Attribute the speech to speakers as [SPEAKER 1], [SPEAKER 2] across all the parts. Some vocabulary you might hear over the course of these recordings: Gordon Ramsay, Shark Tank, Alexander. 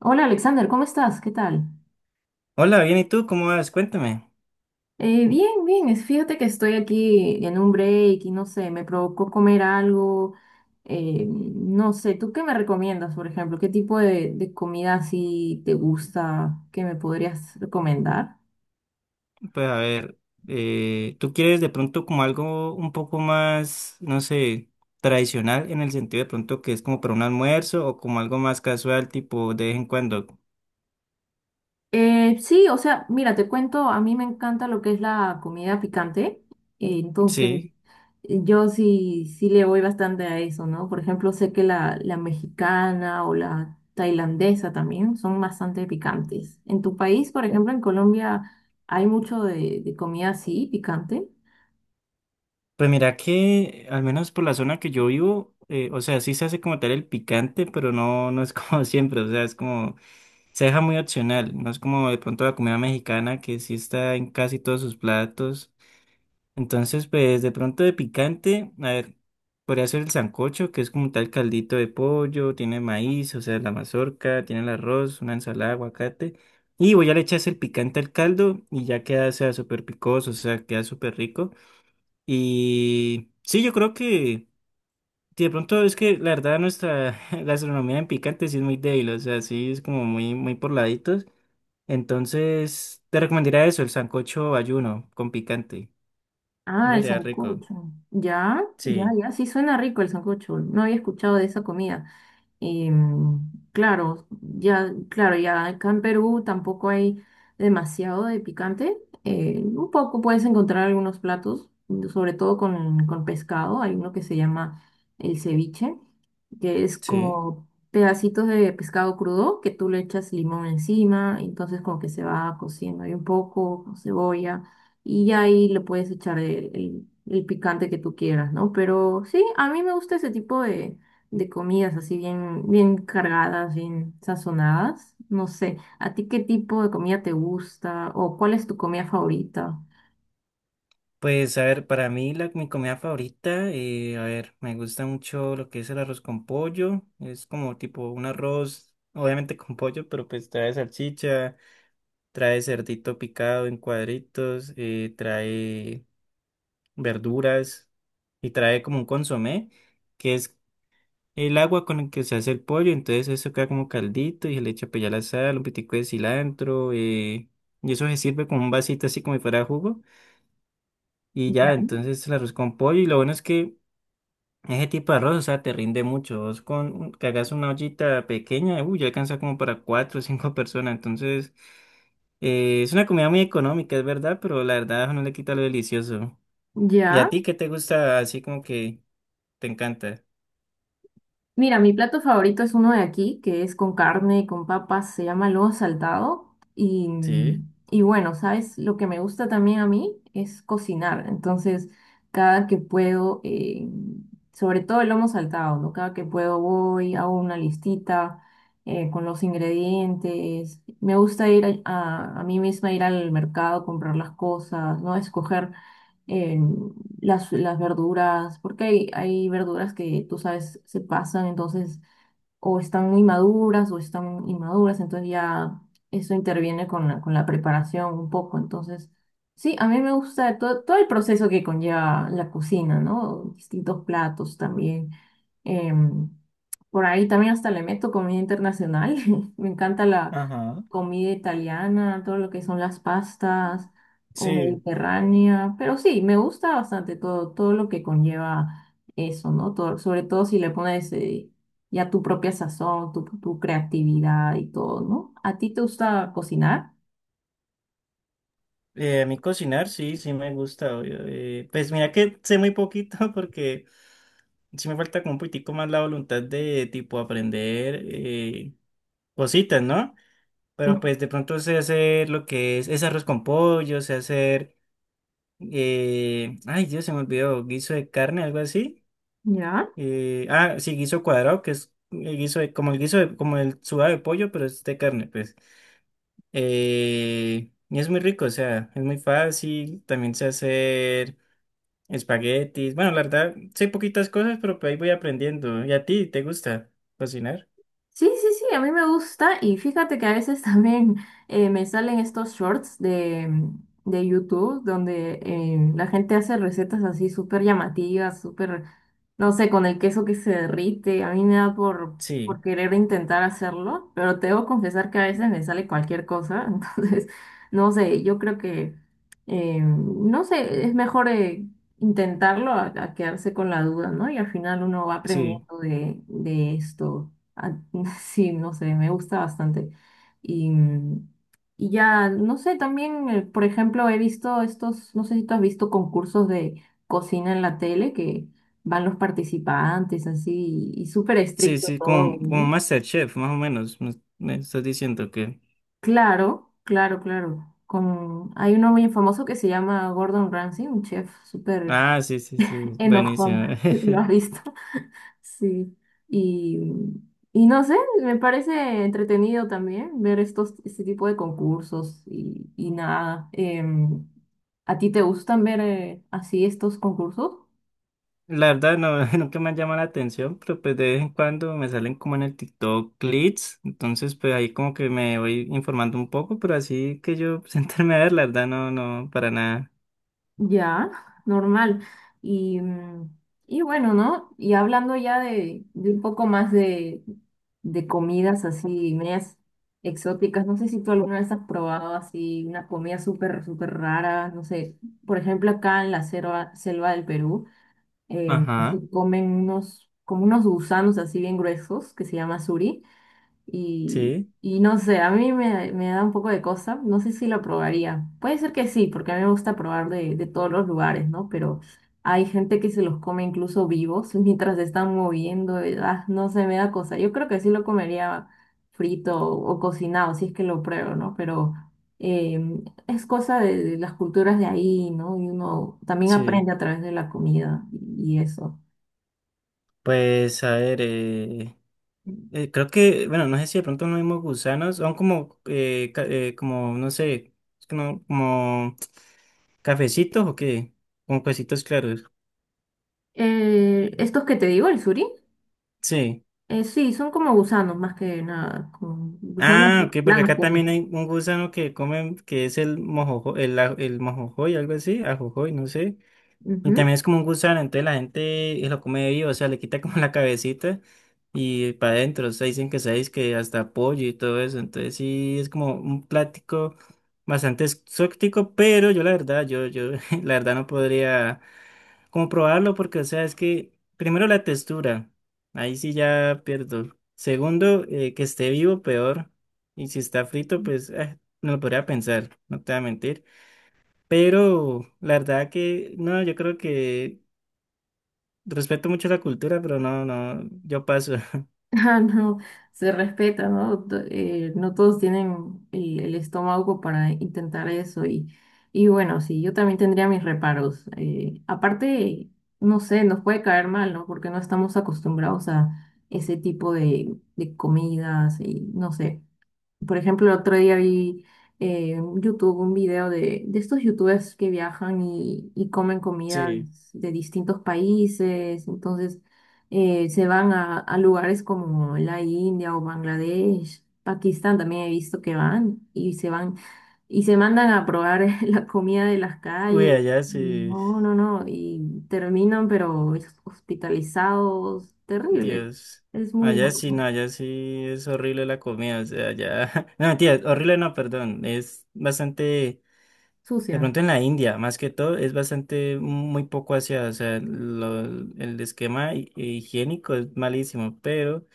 [SPEAKER 1] Hola Alexander, ¿cómo estás? ¿Qué tal?
[SPEAKER 2] Hola, bien, ¿y tú cómo vas? Cuéntame.
[SPEAKER 1] Bien, bien, fíjate que estoy aquí en un break y no sé, me provocó comer algo, no sé, ¿tú qué me recomiendas, por ejemplo? ¿Qué tipo de comida así te gusta que me podrías recomendar?
[SPEAKER 2] Pues a ver, ¿tú quieres de pronto como algo un poco más, no sé, tradicional en el sentido de pronto que es como para un almuerzo o como algo más casual, tipo de vez en cuando?
[SPEAKER 1] Sí, o sea, mira, te cuento, a mí me encanta lo que es la comida picante, entonces
[SPEAKER 2] Sí.
[SPEAKER 1] yo sí, sí le voy bastante a eso, ¿no? Por ejemplo, sé que la mexicana o la tailandesa también son bastante picantes. ¿En tu país, por ejemplo, en Colombia, hay mucho de comida así, picante?
[SPEAKER 2] Pues mira que, al menos por la zona que yo vivo, o sea, sí se hace como tal el picante, pero no es como siempre, o sea, es como, se deja muy opcional, no es como de pronto la comida mexicana que sí está en casi todos sus platos. Entonces, pues de pronto de picante, a ver, podría ser el sancocho, que es como tal caldito de pollo, tiene maíz, o sea, la mazorca, tiene el arroz, una ensalada, aguacate. Y voy a le echas el picante al caldo y ya queda, o sea, súper picoso, o sea, queda súper rico. Y sí, yo creo que sí, de pronto es que la verdad nuestra gastronomía en picante sí es muy débil, o sea, sí es como muy, muy por laditos. Entonces, te recomendaría eso, el sancocho ayuno con picante.
[SPEAKER 1] Ah, el
[SPEAKER 2] Sería rico.
[SPEAKER 1] sancocho. Ya, ya,
[SPEAKER 2] Sí.
[SPEAKER 1] ya, sí suena rico el sancocho. No había escuchado de esa comida. Y mm, claro, ya, claro, ya acá en Perú tampoco hay demasiado de picante. Un poco puedes encontrar algunos platos, sobre todo con, pescado. Hay uno que se llama el ceviche, que es
[SPEAKER 2] Sí,
[SPEAKER 1] como pedacitos de pescado crudo que tú le echas limón encima, entonces como que se va cociendo ahí un poco, con cebolla, y ya ahí le puedes echar el, el picante que tú quieras, ¿no? Pero sí, a mí me gusta ese tipo de comidas así bien, bien cargadas, bien sazonadas. No sé, ¿a ti qué tipo de comida te gusta o cuál es tu comida favorita?
[SPEAKER 2] pues a ver, para mí mi comida favorita, a ver, me gusta mucho lo que es el arroz con pollo, es como tipo un arroz, obviamente con pollo, pero pues trae salchicha, trae cerdito picado en cuadritos, trae verduras y trae como un consomé, que es el agua con el que se hace el pollo, entonces eso queda como caldito y se le echa pues ya la sal, un pitico de cilantro, y eso se sirve con un vasito así como si fuera jugo. Y ya,
[SPEAKER 1] Ya.
[SPEAKER 2] entonces el arroz con pollo. Y lo bueno es que ese tipo de arroz, o sea, te rinde mucho. Vos con que hagas una ollita pequeña, uy, ya alcanza como para cuatro o cinco personas. Entonces, es una comida muy económica, es verdad, pero la verdad no le quita lo delicioso. ¿Y a
[SPEAKER 1] ¿Ya?
[SPEAKER 2] ti qué te gusta así como que te encanta?
[SPEAKER 1] Mira, mi plato favorito es uno de aquí, que es con carne, con papas, se llama lomo saltado. Y,
[SPEAKER 2] Sí.
[SPEAKER 1] y bueno, ¿sabes? Lo que me gusta también a mí es cocinar. Entonces, cada que puedo, sobre todo el lomo saltado, ¿no? Cada que puedo voy, hago una listita con los ingredientes. Me gusta ir a mí misma ir al mercado, comprar las cosas, ¿no? Escoger. Eh, las verduras, porque hay verduras que tú sabes se pasan, entonces o están muy maduras o están inmaduras, entonces ya eso interviene con la preparación un poco. Entonces, sí, a mí me gusta todo, todo el proceso que conlleva la cocina, ¿no? Distintos platos también. Em, por ahí también hasta le meto comida internacional. Me encanta la
[SPEAKER 2] Ajá.
[SPEAKER 1] comida italiana, todo lo que son las pastas o
[SPEAKER 2] Sí.
[SPEAKER 1] mediterránea, pero sí, me gusta bastante todo, todo lo que conlleva eso, ¿no? Sobre todo si le pones ya tu propia sazón, tu creatividad y todo, ¿no? ¿A ti te gusta cocinar?
[SPEAKER 2] A mí cocinar, sí me gusta, obvio. Pues mira que sé muy poquito porque sí me falta como un poquitico más la voluntad de tipo aprender. Cositas, ¿no? Pero
[SPEAKER 1] Mm,
[SPEAKER 2] pues de pronto sé hacer lo que es arroz con pollo, sé hacer, ay Dios, se me olvidó, guiso de carne, algo así.
[SPEAKER 1] ¿ya?
[SPEAKER 2] Ah, sí, guiso cuadrado, que es el guiso de- como el como el sudado de pollo, pero es de carne, pues. Y es muy rico, o sea, es muy fácil, también sé hacer espaguetis. Bueno, la verdad, sé poquitas cosas, pero pues ahí voy aprendiendo. ¿Y a ti te gusta cocinar?
[SPEAKER 1] Sí, sí, sí, a mí me gusta y fíjate que a veces también me salen estos shorts de YouTube donde la gente hace recetas así súper llamativas, súper, no sé, con el queso que se derrite. A mí me da
[SPEAKER 2] Sí,
[SPEAKER 1] por querer intentar hacerlo, pero te debo confesar que a veces me sale cualquier cosa, entonces, no sé, yo creo que, no sé, es mejor intentarlo a quedarse con la duda, ¿no? Y al final uno va
[SPEAKER 2] sí.
[SPEAKER 1] aprendiendo de esto. Ah, sí, no sé, me gusta bastante. Y, mm, y ya, no sé, también, por ejemplo, he visto estos, no sé si tú has visto concursos de cocina en la tele que van los participantes así y, súper
[SPEAKER 2] Sí,
[SPEAKER 1] estricto
[SPEAKER 2] sí,
[SPEAKER 1] todo,
[SPEAKER 2] como, como
[SPEAKER 1] ¿no?
[SPEAKER 2] MasterChef, más o menos. Me estás diciendo que.
[SPEAKER 1] Claro, claro, claro. Con, hay uno muy famoso que se llama Gordon Ramsay, un chef súper
[SPEAKER 2] Ah, sí, sí, sí,
[SPEAKER 1] enojón.
[SPEAKER 2] buenísimo.
[SPEAKER 1] ¿Lo has visto? Sí, y, y no sé, me parece entretenido también ver estos, este tipo de concursos y nada. em, ¿A ti te gustan ver así estos concursos?
[SPEAKER 2] La verdad, no, nunca me han llamado la atención, pero pues de vez en cuando me salen como en el TikTok clips. Entonces, pues ahí como que me voy informando un poco, pero así que yo sentarme a ver, la verdad, no, no, para nada.
[SPEAKER 1] Ya, normal. Y, mm, y bueno, ¿no? Y hablando ya de un poco más de comidas así, medias exóticas, no sé si tú alguna vez has probado así una comida súper, súper rara, no sé, por ejemplo acá en la selva, selva del Perú. Eh,
[SPEAKER 2] Ajá,
[SPEAKER 1] se comen unos, como unos gusanos así bien gruesos que se llama suri.
[SPEAKER 2] sí,
[SPEAKER 1] Y no sé, a mí me, me da un poco de cosa. No sé si lo probaría. Puede ser que sí, porque a mí me gusta probar de todos los lugares, ¿no? Pero hay gente que se los come incluso vivos mientras se están moviendo. Y, ah, no sé, me da cosa. Yo creo que sí lo comería frito o cocinado, si es que lo pruebo, ¿no? Pero es cosa de las culturas de ahí, ¿no? Y uno también
[SPEAKER 2] sí.
[SPEAKER 1] aprende a través de la comida y eso.
[SPEAKER 2] Pues a ver, creo que, bueno, no sé si de pronto no mismos gusanos, son como, como, no sé, es que no, como. ¿Cafecitos o qué? Con huesitos claros.
[SPEAKER 1] Estos que te digo, el suri.
[SPEAKER 2] Sí.
[SPEAKER 1] Sí, son como gusanos más que nada, como gusanos
[SPEAKER 2] Ah, ok, porque acá
[SPEAKER 1] blancos.
[SPEAKER 2] también hay un gusano que comen, que es el mojojoy, el mojojoy, algo así, ajojoy, no sé. Y
[SPEAKER 1] Ujú.
[SPEAKER 2] también es como un gusano, entonces la gente lo come vivo, o sea, le quita como la cabecita y para adentro, o sea, dicen que sabéis que hasta pollo y todo eso, entonces sí es como un plático bastante exótico, pero yo la verdad, yo la verdad no podría como probarlo porque, o sea, es que primero la textura, ahí sí ya pierdo. Segundo, que esté vivo, peor. Y si está frito, pues no lo podría pensar, no te voy a mentir. Pero la verdad que, no, yo creo que respeto mucho la cultura, pero no, no, yo paso.
[SPEAKER 1] Ah, no, se respeta, ¿no? No todos tienen el estómago para intentar eso y bueno, sí, yo también tendría mis reparos. Aparte, no sé, nos puede caer mal, ¿no? Porque no estamos acostumbrados a ese tipo de comidas y no sé. Por ejemplo, el otro día vi en YouTube un video de estos youtubers que viajan y comen
[SPEAKER 2] Sí.
[SPEAKER 1] comidas de distintos países. Entonces, se van a lugares como la India o Bangladesh. Pakistán también he visto que van y se mandan a probar la comida de las
[SPEAKER 2] Uy,
[SPEAKER 1] calles.
[SPEAKER 2] allá sí.
[SPEAKER 1] No, no, no. Y terminan, pero hospitalizados, terribles.
[SPEAKER 2] Dios.
[SPEAKER 1] Es muy
[SPEAKER 2] Allá sí, no,
[SPEAKER 1] loco.
[SPEAKER 2] allá sí es horrible la comida, o sea, allá... No, mentira, horrible no, perdón, es bastante... De pronto
[SPEAKER 1] Sucia.
[SPEAKER 2] en la India, más que todo, es bastante muy poco hacia, o sea, el esquema higiénico es malísimo, pero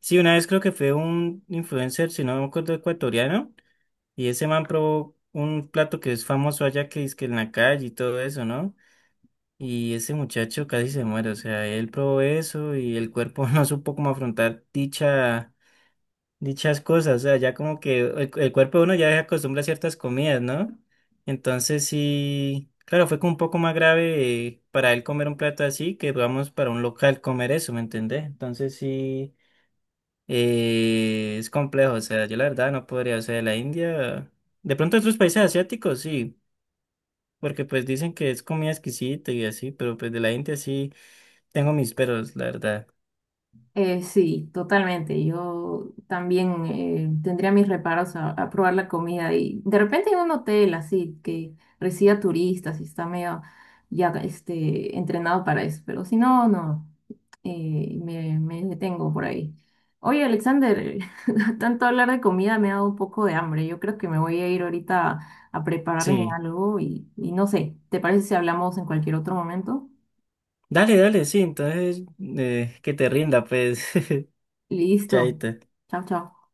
[SPEAKER 2] sí, una vez creo que fue un influencer, si no me acuerdo, ecuatoriano, y ese man probó un plato que es famoso allá que es que en la calle y todo eso, ¿no? Y ese muchacho casi se muere, o sea, él probó eso y el cuerpo no supo cómo afrontar dichas cosas, o sea, ya como que el cuerpo de uno ya se acostumbra a ciertas comidas, ¿no? Entonces sí, claro, fue como un poco más grave para él comer un plato así que, digamos, para un local comer eso, ¿me entendés? Entonces sí. Es complejo, o sea, yo la verdad no podría, o sea, la India, de pronto otros países asiáticos sí, porque pues dicen que es comida exquisita y así, pero pues de la India sí tengo mis peros, la verdad.
[SPEAKER 1] Sí, totalmente. Yo también tendría mis reparos a probar la comida y de repente en un hotel así que reciba turistas y está medio ya este, entrenado para eso, pero si no, no, me, me detengo por ahí. Oye, Alexander, tanto hablar de comida me ha dado un poco de hambre. Yo creo que me voy a ir ahorita a prepararme
[SPEAKER 2] Sí,
[SPEAKER 1] algo y no sé, ¿te parece si hablamos en cualquier otro momento?
[SPEAKER 2] dale, dale, sí, entonces que te rinda, pues,
[SPEAKER 1] Listo.
[SPEAKER 2] chaita.
[SPEAKER 1] Chao, chao.